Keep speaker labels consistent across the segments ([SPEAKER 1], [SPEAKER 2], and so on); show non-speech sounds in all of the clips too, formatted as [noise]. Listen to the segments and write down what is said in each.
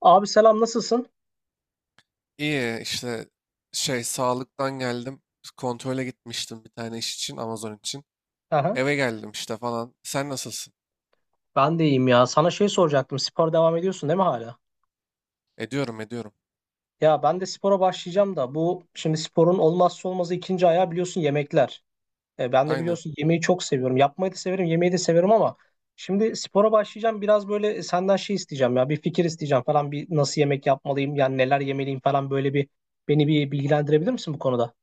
[SPEAKER 1] Abi selam nasılsın?
[SPEAKER 2] İyi işte şey sağlıktan geldim. Kontrole gitmiştim bir tane iş için Amazon için.
[SPEAKER 1] Aha,
[SPEAKER 2] Eve geldim işte falan. Sen nasılsın?
[SPEAKER 1] ben de iyiyim ya. Sana şey soracaktım. Spora devam ediyorsun değil mi hala?
[SPEAKER 2] Ediyorum ediyorum.
[SPEAKER 1] Ya ben de spora başlayacağım da bu şimdi sporun olmazsa olmazı ikinci ayağı biliyorsun yemekler. Ben de
[SPEAKER 2] Aynen.
[SPEAKER 1] biliyorsun yemeği çok seviyorum. Yapmayı da severim, yemeği de severim ama şimdi spora başlayacağım. Biraz böyle senden şey isteyeceğim ya. Bir fikir isteyeceğim falan. Bir nasıl yemek yapmalıyım? Yani neler yemeliyim falan böyle bir beni bilgilendirebilir misin bu konuda?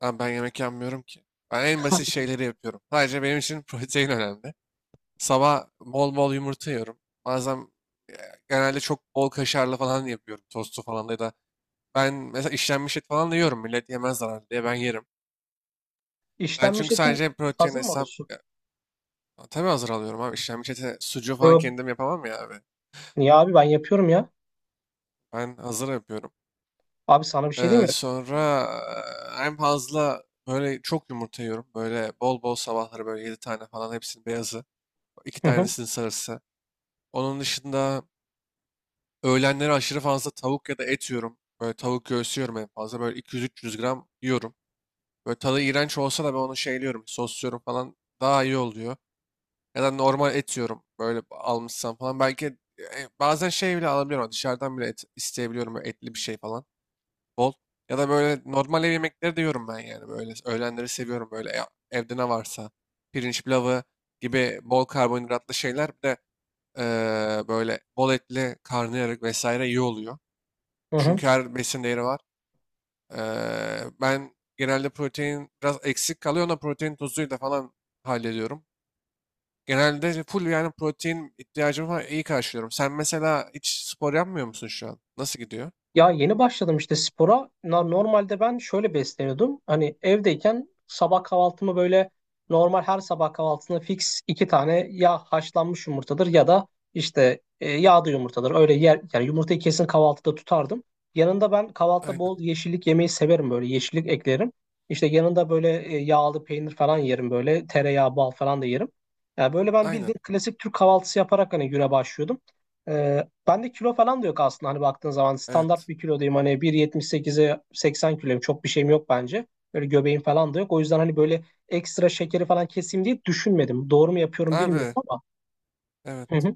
[SPEAKER 2] Ama ben yemek yapmıyorum ki. Ben en basit
[SPEAKER 1] [laughs]
[SPEAKER 2] şeyleri yapıyorum. Sadece benim için [laughs] protein önemli. Sabah bol bol yumurta yiyorum. Bazen e, genelde çok bol kaşarlı falan yapıyorum. Tostu falan da ya da ben mesela işlenmiş et falan da yiyorum. Millet yemez zararlı diye ben yerim. Ben
[SPEAKER 1] İşlenmiş
[SPEAKER 2] çünkü
[SPEAKER 1] etin
[SPEAKER 2] sadece protein
[SPEAKER 1] hazır mı
[SPEAKER 2] hesap
[SPEAKER 1] alıyorsun?
[SPEAKER 2] ya, tabii hazır alıyorum abi. İşlenmiş ete sucuğu falan
[SPEAKER 1] Yok.
[SPEAKER 2] kendim yapamam ya.
[SPEAKER 1] Niye abi ben yapıyorum ya.
[SPEAKER 2] Ben hazır yapıyorum.
[SPEAKER 1] Abi sana bir şey diyeyim
[SPEAKER 2] Ee,
[SPEAKER 1] mi?
[SPEAKER 2] sonra eee, en fazla böyle çok yumurta yiyorum. Böyle bol bol sabahları böyle 7 tane falan hepsinin beyazı. İki
[SPEAKER 1] Hı hı.
[SPEAKER 2] tanesinin sarısı. Onun dışında öğlenleri aşırı fazla tavuk ya da et yiyorum. Böyle tavuk göğsü yiyorum en fazla. Böyle 200-300 gram yiyorum. Böyle tadı iğrenç olsa da ben onu şeyliyorum. Sosluyorum falan daha iyi oluyor. Ya da normal et yiyorum. Böyle almışsam falan. Belki bazen şey bile alabiliyorum. Dışarıdan bile et isteyebiliyorum. Böyle etli bir şey falan. Bol. Ya da böyle normal ev yemekleri de yiyorum ben yani. Böyle öğlenleri seviyorum böyle evde ne varsa. Pirinç pilavı gibi bol karbonhidratlı şeyler bir de böyle bol etli karnıyarık vesaire iyi oluyor.
[SPEAKER 1] Hı hı.
[SPEAKER 2] Çünkü her besin değeri var. Ben genelde protein biraz eksik kalıyor. Ona protein tozuyla falan hallediyorum. Genelde full yani protein ihtiyacımı falan iyi karşılıyorum. Sen mesela hiç spor yapmıyor musun şu an? Nasıl gidiyor?
[SPEAKER 1] Ya yeni başladım işte spora. Normalde ben şöyle besleniyordum. Hani evdeyken sabah kahvaltımı böyle normal her sabah kahvaltısında fix iki tane ya haşlanmış yumurtadır ya da işte yağda yumurtadır. Öyle yer yani yumurtayı kesin kahvaltıda tutardım. Yanında ben kahvaltıda
[SPEAKER 2] Aynen.
[SPEAKER 1] bol yeşillik yemeyi severim böyle yeşillik eklerim. İşte yanında böyle yağlı peynir falan yerim böyle tereyağı bal falan da yerim. Yani böyle ben
[SPEAKER 2] Aynen.
[SPEAKER 1] bildiğin klasik Türk kahvaltısı yaparak hani güne başlıyordum. Ee, Bende kilo falan da yok aslında hani baktığın zaman standart
[SPEAKER 2] Evet.
[SPEAKER 1] bir kilodayım hani 1.78'e 80 kiloyum çok bir şeyim yok bence. Böyle göbeğim falan da yok. O yüzden hani böyle ekstra şekeri falan keseyim diye düşünmedim. Doğru mu yapıyorum bilmiyorum
[SPEAKER 2] Abi.
[SPEAKER 1] ama. Hı
[SPEAKER 2] Evet.
[SPEAKER 1] hı.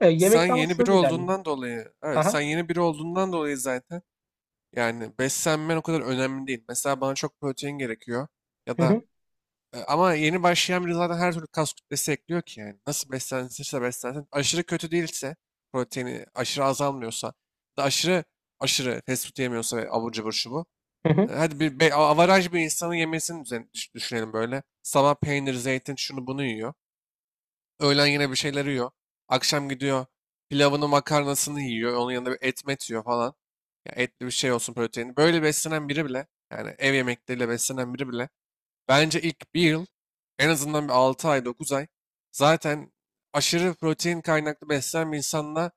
[SPEAKER 2] Sen
[SPEAKER 1] Yemekte ama
[SPEAKER 2] yeni biri
[SPEAKER 1] şöyle ilerliyor.
[SPEAKER 2] olduğundan dolayı, evet
[SPEAKER 1] Aha.
[SPEAKER 2] sen yeni biri olduğundan dolayı zaten yani beslenmen o kadar önemli değil. Mesela bana çok protein gerekiyor ya
[SPEAKER 1] Hı
[SPEAKER 2] da
[SPEAKER 1] hı.
[SPEAKER 2] ama yeni başlayan biri zaten her türlü kas kütlesi ekliyor ki yani. Nasıl beslenirse beslensin aşırı kötü değilse proteini aşırı azalmıyorsa da aşırı aşırı fast food yemiyorsa ve abur cubur şu bu.
[SPEAKER 1] Hı hı.
[SPEAKER 2] Hadi bir be, avaraj bir insanın yemesini düşünelim böyle. Sabah peynir, zeytin şunu bunu yiyor. Öğlen yine bir şeyler yiyor. Akşam gidiyor pilavını makarnasını yiyor. Onun yanında bir et met yiyor falan. Ya etli bir şey olsun proteini. Böyle beslenen biri bile yani ev yemekleriyle beslenen biri bile bence ilk bir yıl en azından bir 6 ay 9 ay zaten aşırı protein kaynaklı beslenen bir insanla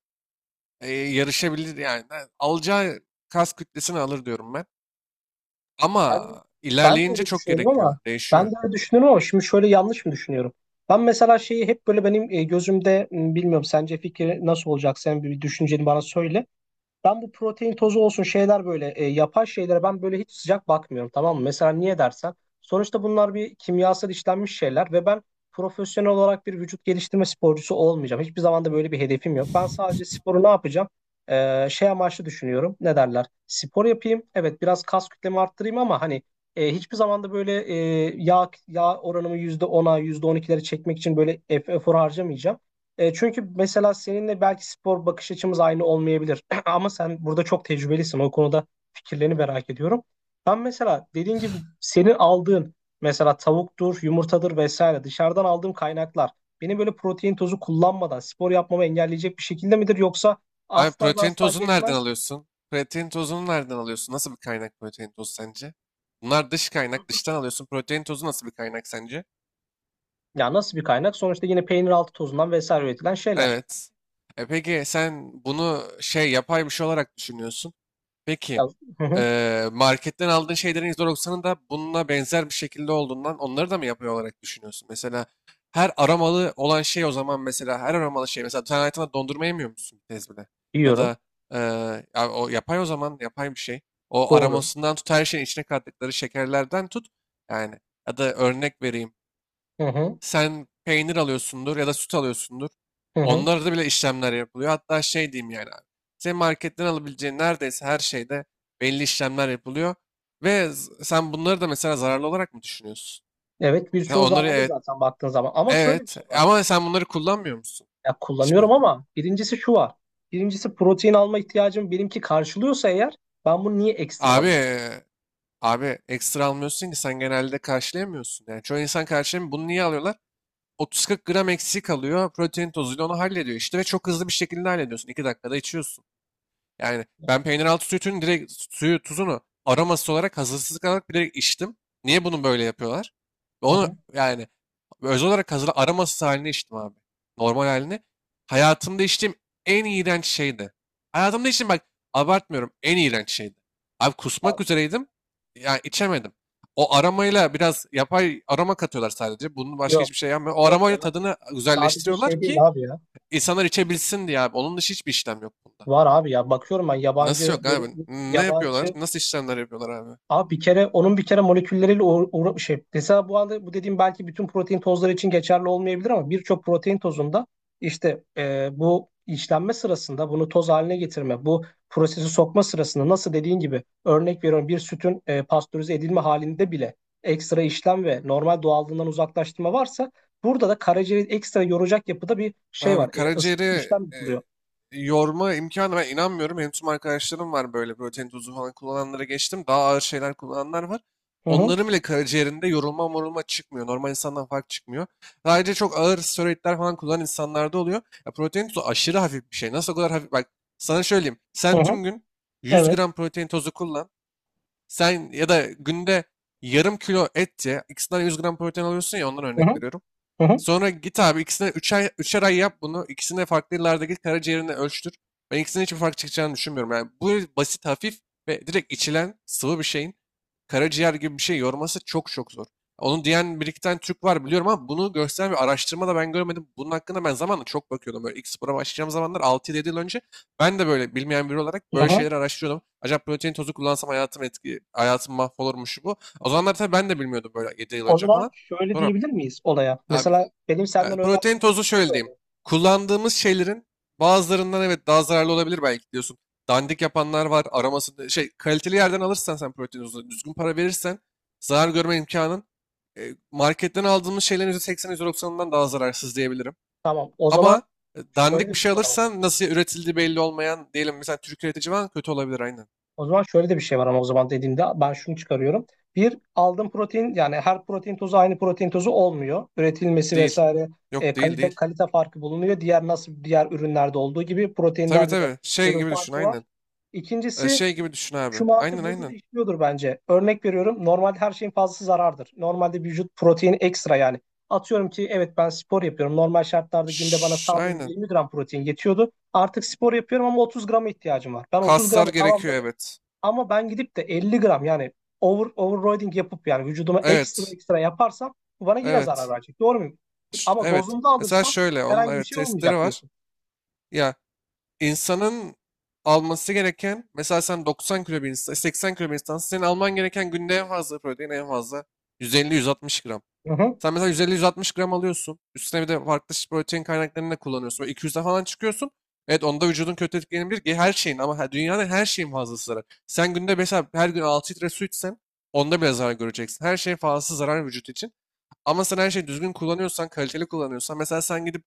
[SPEAKER 2] yarışabilir yani. Yani alacağı kas kütlesini alır diyorum ben.
[SPEAKER 1] Ben,
[SPEAKER 2] Ama
[SPEAKER 1] ben de
[SPEAKER 2] ilerleyince
[SPEAKER 1] öyle
[SPEAKER 2] çok
[SPEAKER 1] düşünüyorum
[SPEAKER 2] gerekiyor.
[SPEAKER 1] ama ben de
[SPEAKER 2] Değişiyor.
[SPEAKER 1] öyle düşünüyorum ama şimdi şöyle yanlış mı düşünüyorum? Ben mesela şeyi hep böyle benim gözümde bilmiyorum sence fikri nasıl olacak sen bir düşünceni bana söyle. Ben bu protein tozu olsun şeyler böyle yapay şeylere ben böyle hiç sıcak bakmıyorum tamam mı? Mesela niye dersen sonuçta bunlar bir kimyasal işlenmiş şeyler ve ben profesyonel olarak bir vücut geliştirme sporcusu olmayacağım. Hiçbir zaman da böyle bir hedefim yok. Ben sadece sporu ne yapacağım? Şey amaçlı düşünüyorum. Ne derler? Spor yapayım. Evet biraz kas kütlemi arttırayım ama hani hiçbir zaman da böyle yağ oranımı %10'a %12'lere çekmek için böyle efor harcamayacağım. Çünkü mesela seninle belki spor bakış açımız aynı olmayabilir. [clears throat] Ama sen burada çok tecrübelisin. O konuda fikirlerini merak ediyorum. Ben mesela dediğin gibi senin aldığın mesela tavuktur, yumurtadır vesaire dışarıdan aldığım kaynaklar benim böyle protein tozu kullanmadan spor yapmamı engelleyecek bir şekilde midir yoksa
[SPEAKER 2] Abi
[SPEAKER 1] asla ve
[SPEAKER 2] protein
[SPEAKER 1] asla
[SPEAKER 2] tozunu nereden
[SPEAKER 1] yetmez?
[SPEAKER 2] alıyorsun? Protein tozunu nereden alıyorsun? Nasıl bir kaynak protein tozu sence? Bunlar dış kaynak, dıştan alıyorsun. Protein tozu nasıl bir kaynak sence?
[SPEAKER 1] Ya nasıl bir kaynak? Sonuçta yine peynir altı tozundan vesaire üretilen şeyler.
[SPEAKER 2] Evet. E peki sen bunu şey yapay bir şey olarak düşünüyorsun.
[SPEAKER 1] Ya,
[SPEAKER 2] Peki
[SPEAKER 1] hı hı,
[SPEAKER 2] marketten aldığın şeylerin %90'ı da bununla benzer bir şekilde olduğundan onları da mı yapay olarak düşünüyorsun? Mesela her aromalı olan şey o zaman mesela her aromalı şey mesela sen hayatında dondurma yemiyor musun bir kez bile? Ya
[SPEAKER 1] yiyorum.
[SPEAKER 2] da ya o yapay o zaman yapay bir şey. O
[SPEAKER 1] Doğru.
[SPEAKER 2] aromasından tut her şeyin içine kattıkları şekerlerden tut. Yani ya da örnek vereyim.
[SPEAKER 1] Hı hı,
[SPEAKER 2] Sen peynir alıyorsundur ya da süt alıyorsundur.
[SPEAKER 1] hı hı.
[SPEAKER 2] Onlarda bile işlemler yapılıyor. Hatta şey diyeyim yani abi. Senin marketten alabileceğin neredeyse her şeyde belli işlemler yapılıyor. Ve sen bunları da mesela zararlı olarak mı düşünüyorsun?
[SPEAKER 1] Evet
[SPEAKER 2] Ya
[SPEAKER 1] birçoğu
[SPEAKER 2] onları
[SPEAKER 1] zaman da
[SPEAKER 2] evet,
[SPEAKER 1] zaten baktığın zaman. Ama şöyle bir
[SPEAKER 2] evet
[SPEAKER 1] şey var.
[SPEAKER 2] ama sen bunları kullanmıyor musun
[SPEAKER 1] Ya kullanıyorum
[SPEAKER 2] hiçbirini?
[SPEAKER 1] ama birincisi şu var. Birincisi protein alma ihtiyacım benimki karşılıyorsa eğer ben bunu niye ekstra
[SPEAKER 2] Abi,
[SPEAKER 1] alayım?
[SPEAKER 2] e, abi ekstra almıyorsun ki sen genelde karşılayamıyorsun. Yani çoğu insan karşılayamıyor. Bunu niye alıyorlar? 30-40 gram eksik alıyor. Protein tozuyla onu hallediyor işte ve çok hızlı bir şekilde hallediyorsun. 2 dakikada içiyorsun. Yani ben peynir altı sütünün direkt suyu, tuzunu aroması olarak hazırsız olarak bilerek içtim. Niye bunu böyle yapıyorlar?
[SPEAKER 1] Hı
[SPEAKER 2] Onu
[SPEAKER 1] hı.
[SPEAKER 2] yani özel olarak hazır aromasız halini içtim abi. Normal halini. Hayatımda içtiğim en iğrenç şeydi. Hayatımda içtiğim bak abartmıyorum en iğrenç şeydi. Abi
[SPEAKER 1] Ha,
[SPEAKER 2] kusmak üzereydim. Yani içemedim. O aromayla biraz yapay aroma katıyorlar sadece. Bunun başka
[SPEAKER 1] Yok
[SPEAKER 2] hiçbir şey yapmıyor. O
[SPEAKER 1] yok
[SPEAKER 2] aromayla
[SPEAKER 1] ya.
[SPEAKER 2] tadını
[SPEAKER 1] Sadece
[SPEAKER 2] güzelleştiriyorlar
[SPEAKER 1] şey değil
[SPEAKER 2] ki
[SPEAKER 1] abi ya.
[SPEAKER 2] insanlar içebilsin diye abi. Onun dışı hiçbir işlem yok bunda.
[SPEAKER 1] Var abi ya. Bakıyorum ben
[SPEAKER 2] Nasıl
[SPEAKER 1] yabancı
[SPEAKER 2] yok abi? Ne yapıyorlar?
[SPEAKER 1] yabancı
[SPEAKER 2] Nasıl işlemler yapıyorlar abi?
[SPEAKER 1] Abi bir kere onun bir kere molekülleriyle şey mesela bu anda bu dediğim belki bütün protein tozları için geçerli olmayabilir ama birçok protein tozunda işte bu işlenme sırasında bunu toz haline getirme, bu prosesi sokma sırasında nasıl dediğin gibi örnek veriyorum bir sütün pastörize edilme halinde bile ekstra işlem ve normal doğallığından uzaklaştırma varsa burada da karaciğeri ekstra yoracak yapıda bir şey
[SPEAKER 2] Abi
[SPEAKER 1] var.
[SPEAKER 2] karaciğeri
[SPEAKER 1] İşlem
[SPEAKER 2] e,
[SPEAKER 1] yapılıyor.
[SPEAKER 2] yorma imkanı ben inanmıyorum. Benim tüm arkadaşlarım var böyle protein tozu falan kullananlara geçtim. Daha ağır şeyler kullananlar var.
[SPEAKER 1] Hı hı,
[SPEAKER 2] Onların bile karaciğerinde yorulma morulma çıkmıyor. Normal insandan fark çıkmıyor. Ayrıca çok ağır steroidler falan kullanan insanlarda oluyor. Ya protein tozu aşırı hafif bir şey. Nasıl o kadar hafif? Bak sana söyleyeyim.
[SPEAKER 1] hı
[SPEAKER 2] Sen
[SPEAKER 1] hı,
[SPEAKER 2] tüm gün 100
[SPEAKER 1] evet.
[SPEAKER 2] gram protein tozu kullan. Sen ya da günde yarım kilo et ye. İkisinden 100 gram protein alıyorsun ya ondan
[SPEAKER 1] Hı hı,
[SPEAKER 2] örnek veriyorum.
[SPEAKER 1] hı hı,
[SPEAKER 2] Sonra git abi ikisine üçer ay, üçer ay yap bunu. İkisine farklı yıllarda git karaciğerini ölçtür. Ben ikisinin hiçbir fark çıkacağını düşünmüyorum. Yani bu basit, hafif ve direkt içilen sıvı bir şeyin karaciğer gibi bir şey yorması çok çok zor. Onu diyen bir iki tane Türk var biliyorum ama bunu gösteren bir araştırma da ben görmedim. Bunun hakkında ben zamanla çok bakıyordum. Böyle ilk spora başlayacağım zamanlar 6-7 yıl önce ben de böyle bilmeyen biri olarak
[SPEAKER 1] hı
[SPEAKER 2] böyle
[SPEAKER 1] hı.
[SPEAKER 2] şeyleri araştırıyordum. Acaba protein tozu kullansam hayatım mahvolur mu şu bu. O zamanlar tabii ben de bilmiyordum böyle 7 yıl
[SPEAKER 1] O
[SPEAKER 2] önce
[SPEAKER 1] zaman
[SPEAKER 2] falan.
[SPEAKER 1] şöyle
[SPEAKER 2] Sonra
[SPEAKER 1] diyebilir miyiz olaya?
[SPEAKER 2] abi
[SPEAKER 1] Mesela benim
[SPEAKER 2] ya,
[SPEAKER 1] senden
[SPEAKER 2] protein
[SPEAKER 1] öğrendiğim şey
[SPEAKER 2] tozu
[SPEAKER 1] şöyle
[SPEAKER 2] şöyle diyeyim.
[SPEAKER 1] oldu.
[SPEAKER 2] Kullandığımız şeylerin bazılarından evet daha zararlı olabilir belki diyorsun. Dandik yapanlar var. Aroması şey kaliteli yerden alırsan sen protein tozunu düzgün para verirsen zarar görme imkanın marketten aldığımız şeylerin %80 yüzde %90'ından daha zararsız diyebilirim.
[SPEAKER 1] Tamam. O
[SPEAKER 2] Ama
[SPEAKER 1] zaman şöyle
[SPEAKER 2] dandik bir
[SPEAKER 1] de bir
[SPEAKER 2] şey
[SPEAKER 1] şey var ama.
[SPEAKER 2] alırsan nasıl üretildiği belli olmayan diyelim mesela Türk üretici var kötü olabilir aynen.
[SPEAKER 1] O zaman şöyle de bir şey var ama o zaman dediğimde ben şunu çıkarıyorum. Bir aldığım protein yani her protein tozu aynı protein tozu olmuyor. Üretilmesi
[SPEAKER 2] Değil.
[SPEAKER 1] vesaire
[SPEAKER 2] Yok değil
[SPEAKER 1] kalite
[SPEAKER 2] değil.
[SPEAKER 1] kalite farkı bulunuyor. Diğer nasıl diğer ürünlerde olduğu gibi
[SPEAKER 2] Tabii
[SPEAKER 1] proteinlerde de
[SPEAKER 2] tabii. Şey
[SPEAKER 1] ürün
[SPEAKER 2] gibi düşün
[SPEAKER 1] farkı var.
[SPEAKER 2] aynen.
[SPEAKER 1] İkincisi
[SPEAKER 2] Şey gibi düşün
[SPEAKER 1] şu
[SPEAKER 2] abi.
[SPEAKER 1] mantık
[SPEAKER 2] Aynen
[SPEAKER 1] burada da
[SPEAKER 2] aynen.
[SPEAKER 1] işliyordur bence. Örnek veriyorum. Normalde her şeyin fazlası zarardır. Normalde vücut protein ekstra yani. Atıyorum ki evet ben spor yapıyorum. Normal şartlarda günde bana
[SPEAKER 2] Şşş,
[SPEAKER 1] saldığım
[SPEAKER 2] aynen.
[SPEAKER 1] 20 gram protein yetiyordu. Artık spor yapıyorum ama 30 grama ihtiyacım var. Ben 30
[SPEAKER 2] Kaslar
[SPEAKER 1] gramı
[SPEAKER 2] gerekiyor
[SPEAKER 1] tamamladım
[SPEAKER 2] evet.
[SPEAKER 1] ama ben gidip de 50 gram yani overloading yapıp yani vücuduma ekstra
[SPEAKER 2] Evet.
[SPEAKER 1] ekstra yaparsam bu bana yine zarar
[SPEAKER 2] Evet.
[SPEAKER 1] verecek. Doğru muyum? Ama
[SPEAKER 2] Evet.
[SPEAKER 1] dozunda
[SPEAKER 2] Mesela
[SPEAKER 1] alırsam
[SPEAKER 2] şöyle onun
[SPEAKER 1] herhangi bir
[SPEAKER 2] evet
[SPEAKER 1] şey
[SPEAKER 2] testleri
[SPEAKER 1] olmayacak
[SPEAKER 2] var.
[SPEAKER 1] diyorsun.
[SPEAKER 2] Ya insanın alması gereken mesela sen 90 kilo bir insan, 80 kilo bir insansın. Senin alman gereken günde en fazla protein en fazla 150-160 gram.
[SPEAKER 1] Hı hı.
[SPEAKER 2] Sen mesela 150-160 gram alıyorsun. Üstüne bir de farklı protein kaynaklarını da kullanıyorsun. Böyle 200'e falan çıkıyorsun. Evet onda vücudun kötü etkilenebilir. Her şeyin ama dünyanın her şeyin fazlası zarar. Sen günde mesela her gün 6 litre su içsen onda bile zarar göreceksin. Her şeyin fazlası zarar vücut için. Ama sen her şeyi düzgün kullanıyorsan, kaliteli kullanıyorsan mesela sen gidip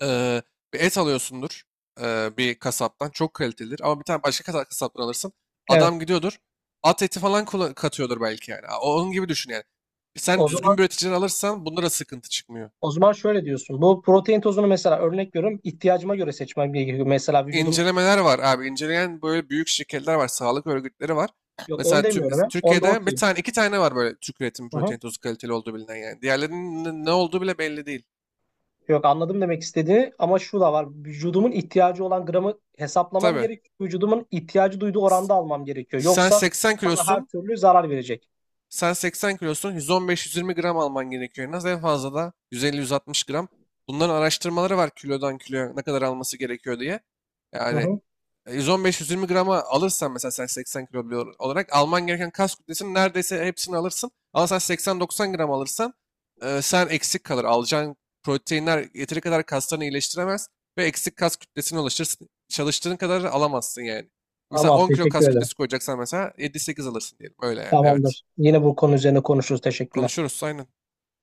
[SPEAKER 2] eee, bir et alıyorsundur bir kasaptan. Çok kalitelidir ama bir tane başka kasaptan alırsın.
[SPEAKER 1] Evet.
[SPEAKER 2] Adam gidiyordur. At eti falan katıyordur belki yani. Onun gibi düşün yani. Sen
[SPEAKER 1] O
[SPEAKER 2] düzgün
[SPEAKER 1] zaman
[SPEAKER 2] bir üreticiden alırsan bunlara sıkıntı çıkmıyor.
[SPEAKER 1] O zaman şöyle diyorsun. Bu protein tozunu mesela örnek veriyorum. İhtiyacıma göre seçmem gerekiyor. Mesela vücudum
[SPEAKER 2] İncelemeler var abi. İnceleyen böyle büyük şirketler var. Sağlık örgütleri var.
[SPEAKER 1] yok onu
[SPEAKER 2] Mesela
[SPEAKER 1] demiyorum ya. Onda
[SPEAKER 2] Türkiye'de bir
[SPEAKER 1] okey.
[SPEAKER 2] tane iki tane var böyle Türk üretimi
[SPEAKER 1] Hı hı.
[SPEAKER 2] protein tozu kaliteli olduğu bilinen yani. Diğerlerinin ne ne olduğu bile belli değil.
[SPEAKER 1] Yok anladım demek istediğini ama şu da var. Vücudumun ihtiyacı olan gramı hesaplamam
[SPEAKER 2] Tabii.
[SPEAKER 1] gerekiyor. Vücudumun ihtiyacı duyduğu
[SPEAKER 2] S-
[SPEAKER 1] oranda almam gerekiyor.
[SPEAKER 2] Sen
[SPEAKER 1] Yoksa
[SPEAKER 2] 80
[SPEAKER 1] bana her
[SPEAKER 2] kilosun.
[SPEAKER 1] türlü zarar verecek.
[SPEAKER 2] Sen 80 kilosun 115-120 gram alman gerekiyor en az. En fazla da 150-160 gram. Bunların araştırmaları var kilodan kiloya ne kadar alması gerekiyor diye.
[SPEAKER 1] Hı
[SPEAKER 2] Yani
[SPEAKER 1] hı.
[SPEAKER 2] 115-120 grama alırsan mesela sen 80 kilo olarak alman gereken kas kütlesinin neredeyse hepsini alırsın. Ama sen 80-90 gram alırsan sen eksik kalır. Alacağın proteinler yeteri kadar kaslarını iyileştiremez ve eksik kas kütlesini oluşturursun. Çalıştığın kadar alamazsın yani. Mesela
[SPEAKER 1] Tamam
[SPEAKER 2] 10 kilo
[SPEAKER 1] teşekkür
[SPEAKER 2] kas
[SPEAKER 1] ederim.
[SPEAKER 2] kütlesi koyacaksan mesela 7-8 alırsın diyelim. Öyle yani. Evet.
[SPEAKER 1] Tamamdır. Yine bu konu üzerine konuşuruz. Teşekkürler.
[SPEAKER 2] Konuşuruz aynen.